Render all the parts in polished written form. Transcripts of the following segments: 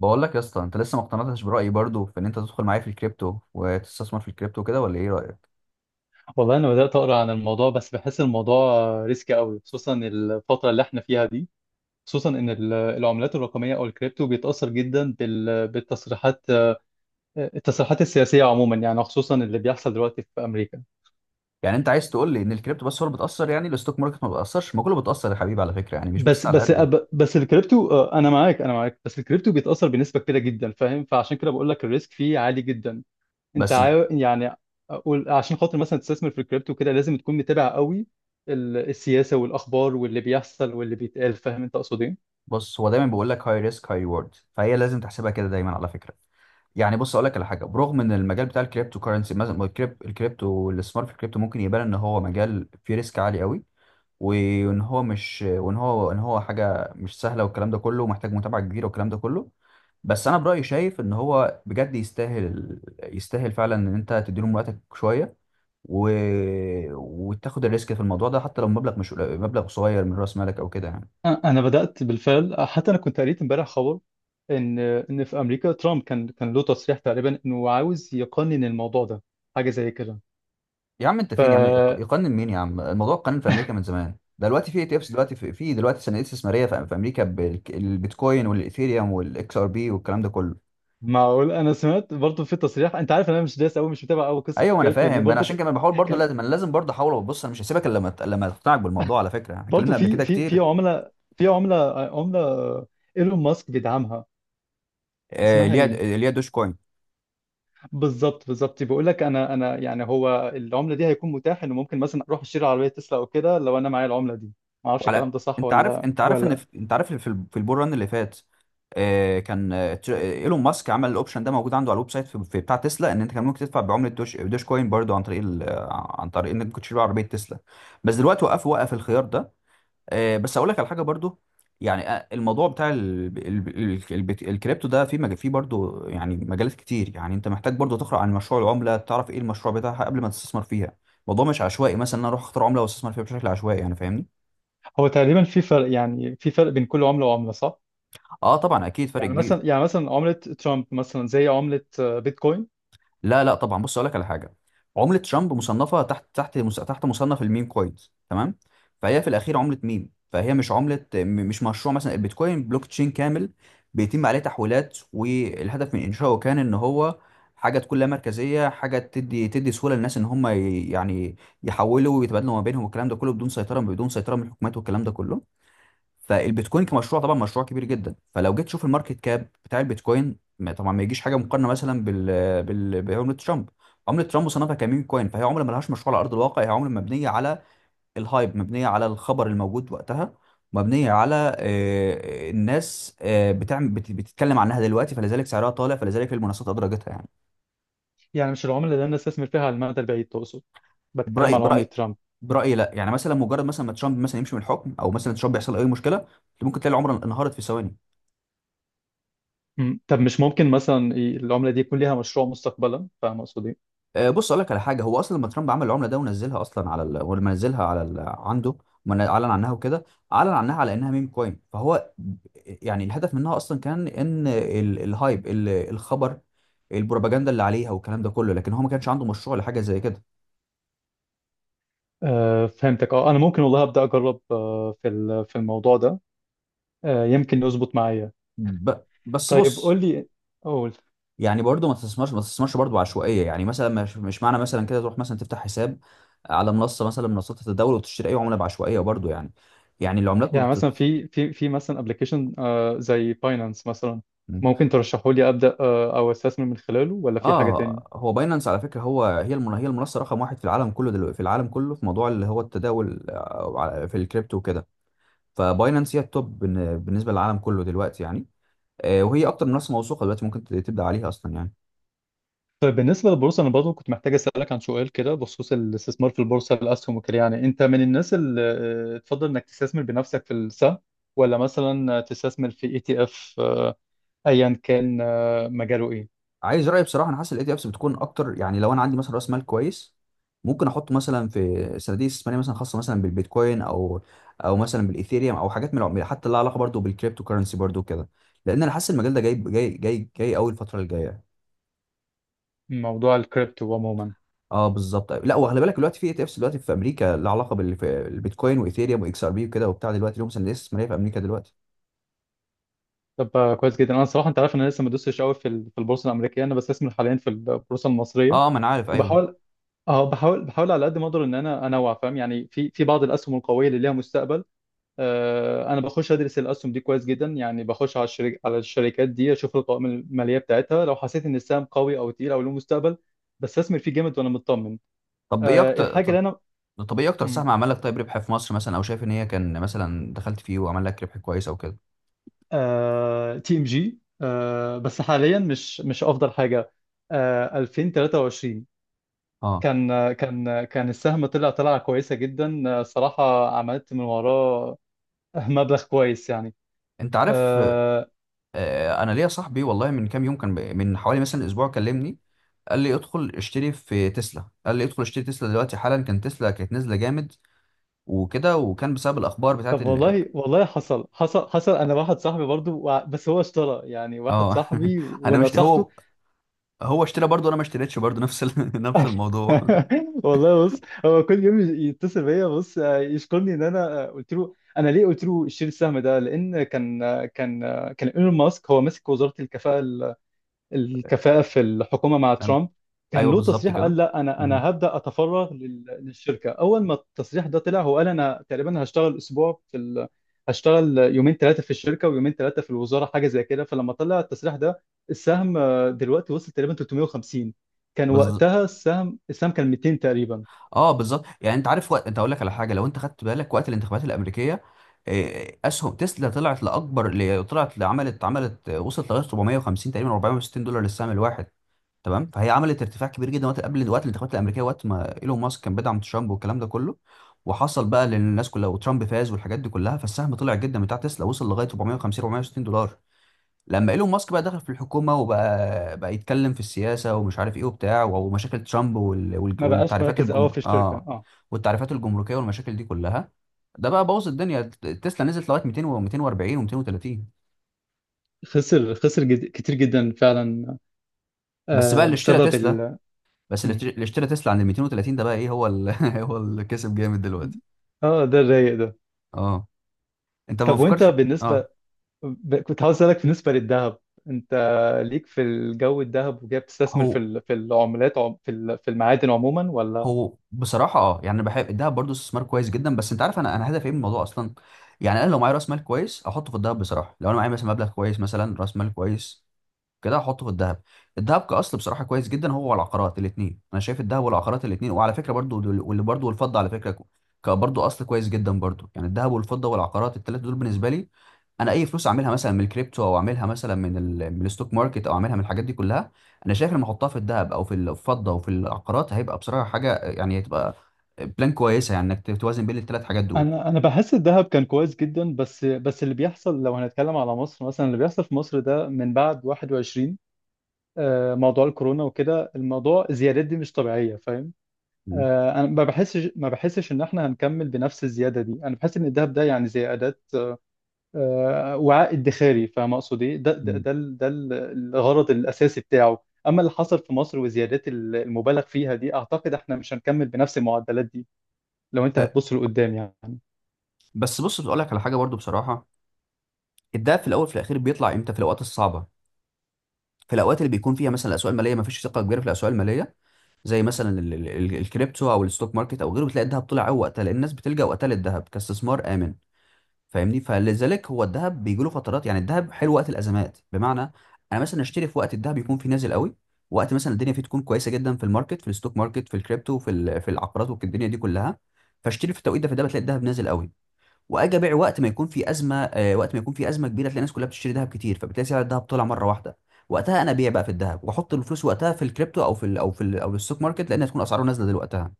بقول لك يا اسطى، انت لسه ما اقتنعتش برايي برضو في ان انت تدخل معايا في الكريبتو وتستثمر في الكريبتو كده، ولا ايه رايك؟ والله انا بدات اقرا عن الموضوع بس بحس الموضوع ريسكي قوي خصوصا الفتره اللي احنا فيها دي. خصوصا ان العملات الرقميه او الكريبتو بيتاثر جدا بالتصريحات. التصريحات السياسيه عموما يعني خصوصا اللي بيحصل دلوقتي في امريكا. يعني انت عايز تقول لي ان الكريبتو بس هو اللي بتاثر؟ يعني الستوك ماركت ما بتاثرش؟ ما كله بتاثر يا حبيبي على فكره، يعني مش بس بس على بس قد ال- أب- بس الكريبتو، آه، انا معاك، بس الكريبتو بيتاثر بنسبه كبيره جدا، فاهم؟ فعشان كده بقول لك الريسك فيه عالي جدا. انت بس عاو يعني أقول- عشان خاطر مثلا تستثمر في الكريبتو كده لازم تكون متابع قوي السياسه والاخبار واللي بيحصل واللي بيتقال، فاهم انت اقصد ايه؟ بص، هو دايما بيقول لك هاي ريسك هاي ريورد، فهي لازم تحسبها كده دايما على فكره. يعني بص اقول لك على حاجه، برغم ان المجال بتاع الكريبتو كرنسي مثلا، الكريبتو، الاستثمار في الكريبتو ممكن يبان ان هو مجال فيه ريسك عالي قوي، وان هو مش، وان هو، ان هو حاجه مش سهله والكلام ده كله، ومحتاج متابعه كبيره والكلام ده كله. بس انا برايي شايف ان هو بجد يستاهل، يستاهل فعلا ان انت تديله من وقتك شويه و... وتاخد الريسك في الموضوع ده، حتى لو مبلغ مش قليل- مبلغ صغير من راس مالك او كده يعني. انا بدات بالفعل، حتى انا كنت قريت امبارح خبر ان في امريكا ترامب كان له تصريح تقريبا انه عاوز يقنن الموضوع ده، حاجه زي كده. يا عم انت فين يا عم؟ فمعقول. يقنن مين يا عم؟ الموضوع قانون في امريكا من زمان ده. دلوقتي في اي تي افس، دلوقتي في دلوقتي صناديق استثماريه في امريكا بالبيتكوين والايثيريوم والاكس ار بي والكلام ده كله. انا سمعت برضو في تصريح، انت عارف إن انا مش دايس قوي، مش متابع قوي قصه ايوه انا الكريبتو دي. فاهم، انا برضو عشان كان، كده بحاول برضو، كان لازم انا لازم برضو احاول. وبص انا مش هسيبك الا لما لما تقتنعك بالموضوع. على فكره احنا برضو اتكلمنا قبل في كده في في كتير. عمله في عمله عمله ايلون ماسك بيدعمها. آه، اسمها اللي ايه؟ هي اللي هي دوش كوين. بالظبط بيقول لك انا يعني هو العمله دي هيكون متاح انه ممكن مثلا اروح اشتري عربيه تسلا او كده لو انا معايا العمله دي. ما اعرفش وعلى، الكلام ده صح انت عارف ولا انت عارف ان ولا في... انت عارف في ال- في البول ران اللي فات. آه، كان ايلون ماسك عمل الاوبشن ده موجود عنده على الويب سايت في... في بتاع تسلا، ان انت كان ممكن تدفع بعمله دوش دوش كوين برضو عن طريق ال... آه، عن طريق انك كنت تشتري عربيه تسلا. بس دلوقتي وقف، وقف الخيار ده. آه، بس اقول لك على حاجه برضو. يعني الموضوع بتاع ال... ال... ال... البت- الكريبتو ده في مج... فيه برضو يعني مجالات كتير. يعني انت محتاج برضو تقرا عن مشروع العمله، تعرف ايه المشروع بتاعها قبل ما تستثمر فيها. الموضوع مش عشوائي، مثلا إن انا اروح اختار عمله واستثمر فيها بشكل عشوائي، يعني فاهمني. هو تقريبا في فرق، يعني في فرق بين كل عملة وعملة، صح؟ اه طبعا اكيد فرق يعني كبير. مثلا يعني مثلا عملة ترامب مثلا زي عملة، آه، بيتكوين. لا لا طبعا، بص اقول لك على حاجه. عمله ترامب مصنفه تحت، تحت مصنف الميم كوينز، تمام؟ فهي في الاخير عمله ميم، فهي مش عمله مش مشروع مثلا البيتكوين بلوك تشين كامل بيتم عليه تحويلات، والهدف من انشائه كان ان هو حاجه تكون لا مركزيه، حاجه تدي سهوله للناس ان هم يعني يحولوا ويتبادلوا ما بينهم والكلام ده كله، بدون سيطره، بدون سيطره من الحكومات والكلام ده كله. فالبيتكوين كمشروع طبعا مشروع كبير جدا، فلو جيت تشوف الماركت كاب بتاع البيتكوين طبعا ما يجيش حاجه مقارنه مثلا بال بال بعمله ترامب. عمله ترامب صنفها كميم كوين، فهي عمله ملهاش مشروع على ارض الواقع، هي عمله مبنيه على الهايب، مبنيه على الخبر الموجود وقتها، مبنيه على الناس بتتكلم عنها دلوقتي، فلذلك سعرها طالع، فلذلك المنصات ادرجتها يعني. يعني مش العملة اللي أنا استثمر فيها على المدى البعيد تقصد؟ بتكلم برايي على عملة برايي ترامب. برايي لا. يعني مثلا مجرد مثلا ما ترامب مثلا يمشي من الحكم، او مثلا ترامب يحصل اي مشكله، ممكن تلاقي العمله انهارت في ثواني. مم. طب مش ممكن مثلا العملة دي يكون ليها مشروع مستقبلا، فاهم قصدي؟ إيه؟ آه، بص اقول لك على حاجه. هو اصلا لما ترامب عمل العمله ده ونزلها اصلا على ال... ولما نزلها على ال... عنده اعلن عنها وكده، اعلن عنها على انها ميم كوين، فهو يعني الهدف منها اصلا كان ان ال... الهايب ال... الخبر، البروباجندا اللي عليها والكلام ده كله، لكن هو ما كانش عنده مشروع لحاجه زي كده. آه فهمتك. اه أنا ممكن والله أبدأ أجرب، آه، في في الموضوع ده، آه يمكن يظبط معايا. ب... بس طيب بص، قول لي، قول. يعني برضه ما تستثمرش، ما تستثمرش برضه عشوائيه، يعني مثلا مش معنى مثلا كده تروح مثلا تفتح حساب على منصه مثلا من منصات التداول وتشتري اي عمله بعشوائيه برضه. يعني يعني العملات ما يعني بتت... مثلا في مثلا ابلكيشن، آه، زي باينانس مثلا، ممكن ترشحه لي أبدأ آه أو أستثمر من خلاله، ولا في حاجة تانية؟ اه هو باينانس على فكره، هو هي المن... هي المنصه رقم واحد في العالم كله دلوقتي، في العالم كله في موضوع اللي هو التداول في الكريبتو وكده. فباينانس هي التوب بالنسبه للعالم كله دلوقتي يعني. آه، وهي اكتر منصه موثوقه دلوقتي ممكن تبدا عليها اصلا يعني. طيب بالنسبة للبورصة أنا برضه كنت محتاج أسألك عن سؤال كده بخصوص الاستثمار في البورصة، الأسهم وكده. يعني أنت من الناس اللي، آه، تفضل إنك تستثمر بنفسك في السهم، ولا مثلا تستثمر في ETF، أيا كان، آه، مجاله إيه؟ عايز رايي بصراحه؟ انا حاسس الاي تي افس بتكون اكتر. يعني لو انا عندي مثلا راس مال كويس، ممكن احط مثلا في صناديق استثماريه مثلا خاصه مثلا بالبيتكوين، او او مثلا بالايثيريوم، او حاجات من حتى لها علاقه برضو بالكريبتو كرنسي برضو كده، لان انا حاسس المجال ده جاي قوي الفتره الجايه. موضوع الكريبتو عموما. اه بالظبط. لا وخلي بالك، دلوقتي في اي تي افس دلوقتي في امريكا لها علاقه في البيتكوين وايثيريوم واكس ار بي وكده وبتاع، دلوقتي ليهم سندات استثماريه في امريكا دلوقتي. طب، آه، كويس جدا. أنا صراحة أنت عارف إن أنا لسه ما دوستش قوي في في البورصة الأمريكية. أنا بستثمر حاليا في البورصة المصرية اه ما انا عارف، ايوه. وبحاول، أه بحاول بحاول على قد ما أقدر إن أنا أنوع، فاهم يعني؟ في بعض الأسهم القوية اللي ليها مستقبل، آه، انا بخش ادرس الاسهم دي كويس جدا. يعني بخش على على الشركات دي اشوف القوائم الماليه بتاعتها، لو حسيت ان السهم قوي او تقيل او له مستقبل بستثمر فيه جامد وانا مطمن. طب ايه أه الحاجه اللي انا، طب ايه اكتر سهم عمل لك طيب ربح في مصر مثلا، او شايف ان هي كان مثلا دخلت فيه وعمل لك ربح كويس او كده؟ TMG، بس حاليا مش افضل حاجه. أه 2023 اه كان، آه، كان، آه، كان السهم طلع طلعه كويسه جدا، آه، صراحه عملت من وراه مبلغ كويس يعني. انت عارف، آه، آه انا ليا صاحبي والله من كام يوم كان من حوالي مثلا اسبوع كلمني، قال لي ادخل اشتري في تسلا، قال لي ادخل اشتري تسلا دلوقتي حالا، كان تسلا كانت نازله جامد وكده، وكان بسبب الاخبار بتاعت طب ال... والله والله حصل، حصل. انا واحد صاحبي برضو بس هو اشترى، يعني واحد اه صاحبي انا مش ونصحته. هو، هو اشترى برضه، انا ما اشتريتش برضه نفس ال... نفس الموضوع. والله بص هو كل يوم يتصل بيا بص، آه، يشكرني ان انا، آه، قلت له. انا ليه قلت له اشتري السهم ده؟ لان كان، آه، كان، آه، كان ايلون ماسك هو ماسك وزارة الكفاءة، الكفاءة في الحكومة مع فاهم؟ ترامب. كان ايوه له بالظبط تصريح كده. قال لا، أنا مهم. أنا هبدأ أتفرغ للشركة. أول ما التصريح ده طلع هو قال أنا تقريبا هشتغل أسبوع في ال... هشتغل يومين ثلاثة في الشركة ويومين ثلاثة في الوزارة، حاجة زي كده. فلما طلع التصريح ده السهم، آه، دلوقتي وصل تقريبا 350. كان بز... وقتها السهم كان 200 تقريبا. اه بالظبط. يعني انت عارف وقت، انت اقول لك على حاجه، لو انت خدت بالك وقت الانتخابات الامريكيه، آه، اسهم تسلا طلعت لاكبر اللي طلعت، عملت آه، وصلت لغايه 450 تقريبا $460 للسهم الواحد، تمام؟ فهي عملت ارتفاع كبير جدا وقت، قبل وقت الانتخابات الامريكيه، وقت ما ايلون ماسك كان بيدعم ترامب والكلام ده كله، وحصل بقى للناس كلها وترامب فاز والحاجات دي كلها، فالسهم طلع جدا بتاع تسلا، وصل لغايه 450 $460. لما ايلون ماسك بقى دخل في الحكومه، وبقى يتكلم في السياسه ومش عارف ايه وبتاع، ومشاكل ترامب وال... وال... ما بقاش والتعريفات مركز قوي الجم... في الشركة، اه اه. والتعريفات الجمركيه والمشاكل دي كلها، ده بقى بوظ الدنيا. تسلا نزلت لغايه 200 و 240 و230. خسر، كتير جدا فعلا، بس بقى آه، اللي اشترى بسبب تسلا، ال... بس اللي م. اللي اشترى تسلا عند ال 230، ده بقى ايه هو ال... هو اللي كسب جامد دلوقتي. اه ده الرايق ده. اه انت ما طب وانت فكرتش. اه بالنسبة، كنت عاوز اسالك بالنسبه للذهب. انت ليك في الجو الذهب؟ وجاي بتستثمر في هو في العملات، في في المعادن عموما، ولا؟ هو بصراحة اه يعني انا بحب الدهب برضه استثمار كويس جدا، بس انت عارف انا، انا هدفي ايه من الموضوع اصلا. يعني انا لو معايا راس مال كويس احطه في الدهب بصراحة، لو انا معايا مثلا مبلغ كويس، مثلا راس مال كويس كده، هحطه في الذهب. الذهب كاصل بصراحه كويس جدا، هو والعقارات الاثنين. انا شايف الذهب والعقارات الاثنين، وعلى فكره برضو دول- واللي برضو، والفضه على فكره برضو اصل كويس جدا برضو. يعني الذهب والفضه والعقارات الثلاثه دول بالنسبه لي، انا اي فلوس اعملها مثلا من الكريبتو، او اعملها مثلا من ال... من الستوك ماركت، او اعملها من الحاجات دي كلها، انا شايف لما احطها في الذهب او في الفضه وفي العقارات، هيبقى بصراحه حاجه يعني، هتبقى بلان كويسه يعني، انك توازن بين الثلاث حاجات دول. انا بحس الذهب كان كويس جدا، بس بس اللي بيحصل لو هنتكلم على مصر مثلا، اللي بيحصل في مصر ده من بعد 21، آه، موضوع الكورونا وكده، الموضوع الزيادات دي مش طبيعيه، فاهم؟ مم. آه، انا ما بحسش ان احنا هنكمل بنفس الزياده دي. انا بحس ان الذهب ده يعني زي اداه، آه، وعاء ادخاري، فاهم اقصد ايه؟ مم. الغرض الاساسي بتاعه. اما اللي حصل في مصر وزيادات المبالغ فيها دي اعتقد احنا مش هنكمل بنفس المعدلات دي لو انت أه، هتبص لقدام يعني. بس بص بقول لك على حاجه برضو بصراحه. الدهب في الاول في الاخير بيطلع امتى؟ في الاوقات الصعبه، في الاوقات اللي بيكون فيها مثلا الاسواق الماليه ما فيش ثقه كبيره في الاسواق الماليه، زي مثلا الكريبتو او الستوك ماركت او غيره، بتلاقي الذهب طلع قوي وقتها، لان الناس بتلجأ وقتها للذهب كاستثمار امن، فاهمني؟ فلذلك هو الذهب بيجي له فترات. يعني الذهب حلو وقت الازمات، بمعنى انا مثلا اشتري في وقت الذهب يكون فيه نازل قوي، وقت مثلا الدنيا فيه تكون كويسه جدا في الماركت، في الستوك ماركت في الكريبتو في العقارات والدنيا دي كلها، فاشتري في التوقيت ده، في ده بتلاقي الذهب نازل قوي. واجي ابيع وقت ما يكون في ازمه، آه، وقت ما يكون في ازمه كبيره، تلاقي الناس كلها بتشتري ذهب كتير، فبتلاقي سعر الذهب طلع مره واحده، وقتها انا ابيع بقى في الذهب، واحط الفلوس وقتها في الكريبتو، او في ال او في ال او الستوك ماركت، لان هتكون اسعاره نازله دلوقتها.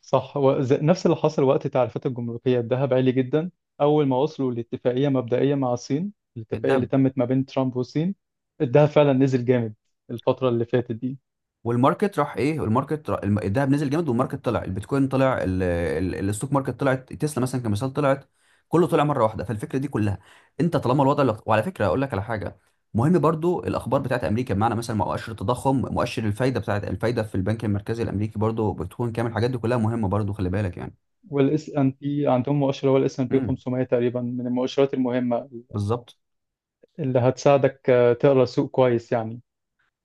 صح، نفس اللي حصل وقت التعريفات الجمركيه، الذهب عالي جدا، اول ما وصلوا لاتفاقيه مبدئيه مع الصين، الاتفاقيه اللي الذهب تمت ما بين ترامب والصين الذهب فعلا نزل جامد الفتره اللي فاتت دي. والماركت راح ايه، الماركت راح، الذهب نزل جامد والماركت طلع، البيتكوين طلع الستوك ماركت طلعت، تسلا مثلا كمثال طلعت، كله طلع مره واحده. فالفكره دي كلها، انت طالما الوضع اللي... وعلى فكره اقول لك على حاجه مهم برضو: الاخبار بتاعت امريكا، بمعنى مثلا مؤشر التضخم، مؤشر الفايده، بتاعت الفايده في البنك المركزي الامريكي برضو، بتكون كامل، الحاجات دي كلها مهمه برضو، خلي بالك يعني. والاس ان بي عندهم مؤشر، هو الـS&P امم 500 تقريبا من المؤشرات المهمه بالظبط. اللي هتساعدك، آه، تقرا السوق كويس يعني.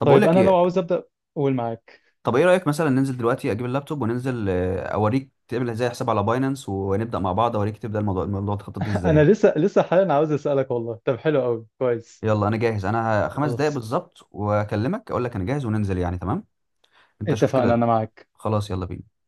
طب اقول طيب لك انا لو ايه، عاوز ابدا، قول معاك. طب ايه رايك مثلا ننزل دلوقتي، اجيب اللابتوب وننزل، آه، اوريك تعمل ازاي حساب على باينانس، ونبدا مع بعض، اوريك تبدا الموضوع، الموضوع تخطط انا ازاي. لسه حاليا عاوز اسالك والله. طب حلو قوي، كويس. يلا انا جاهز، انا خمس دقايق خلاص، بالظبط واكلمك اقول لك انا جاهز وننزل يعني، تمام؟ انت شوف اتفقنا، كده. انا معاك. خلاص يلا بينا.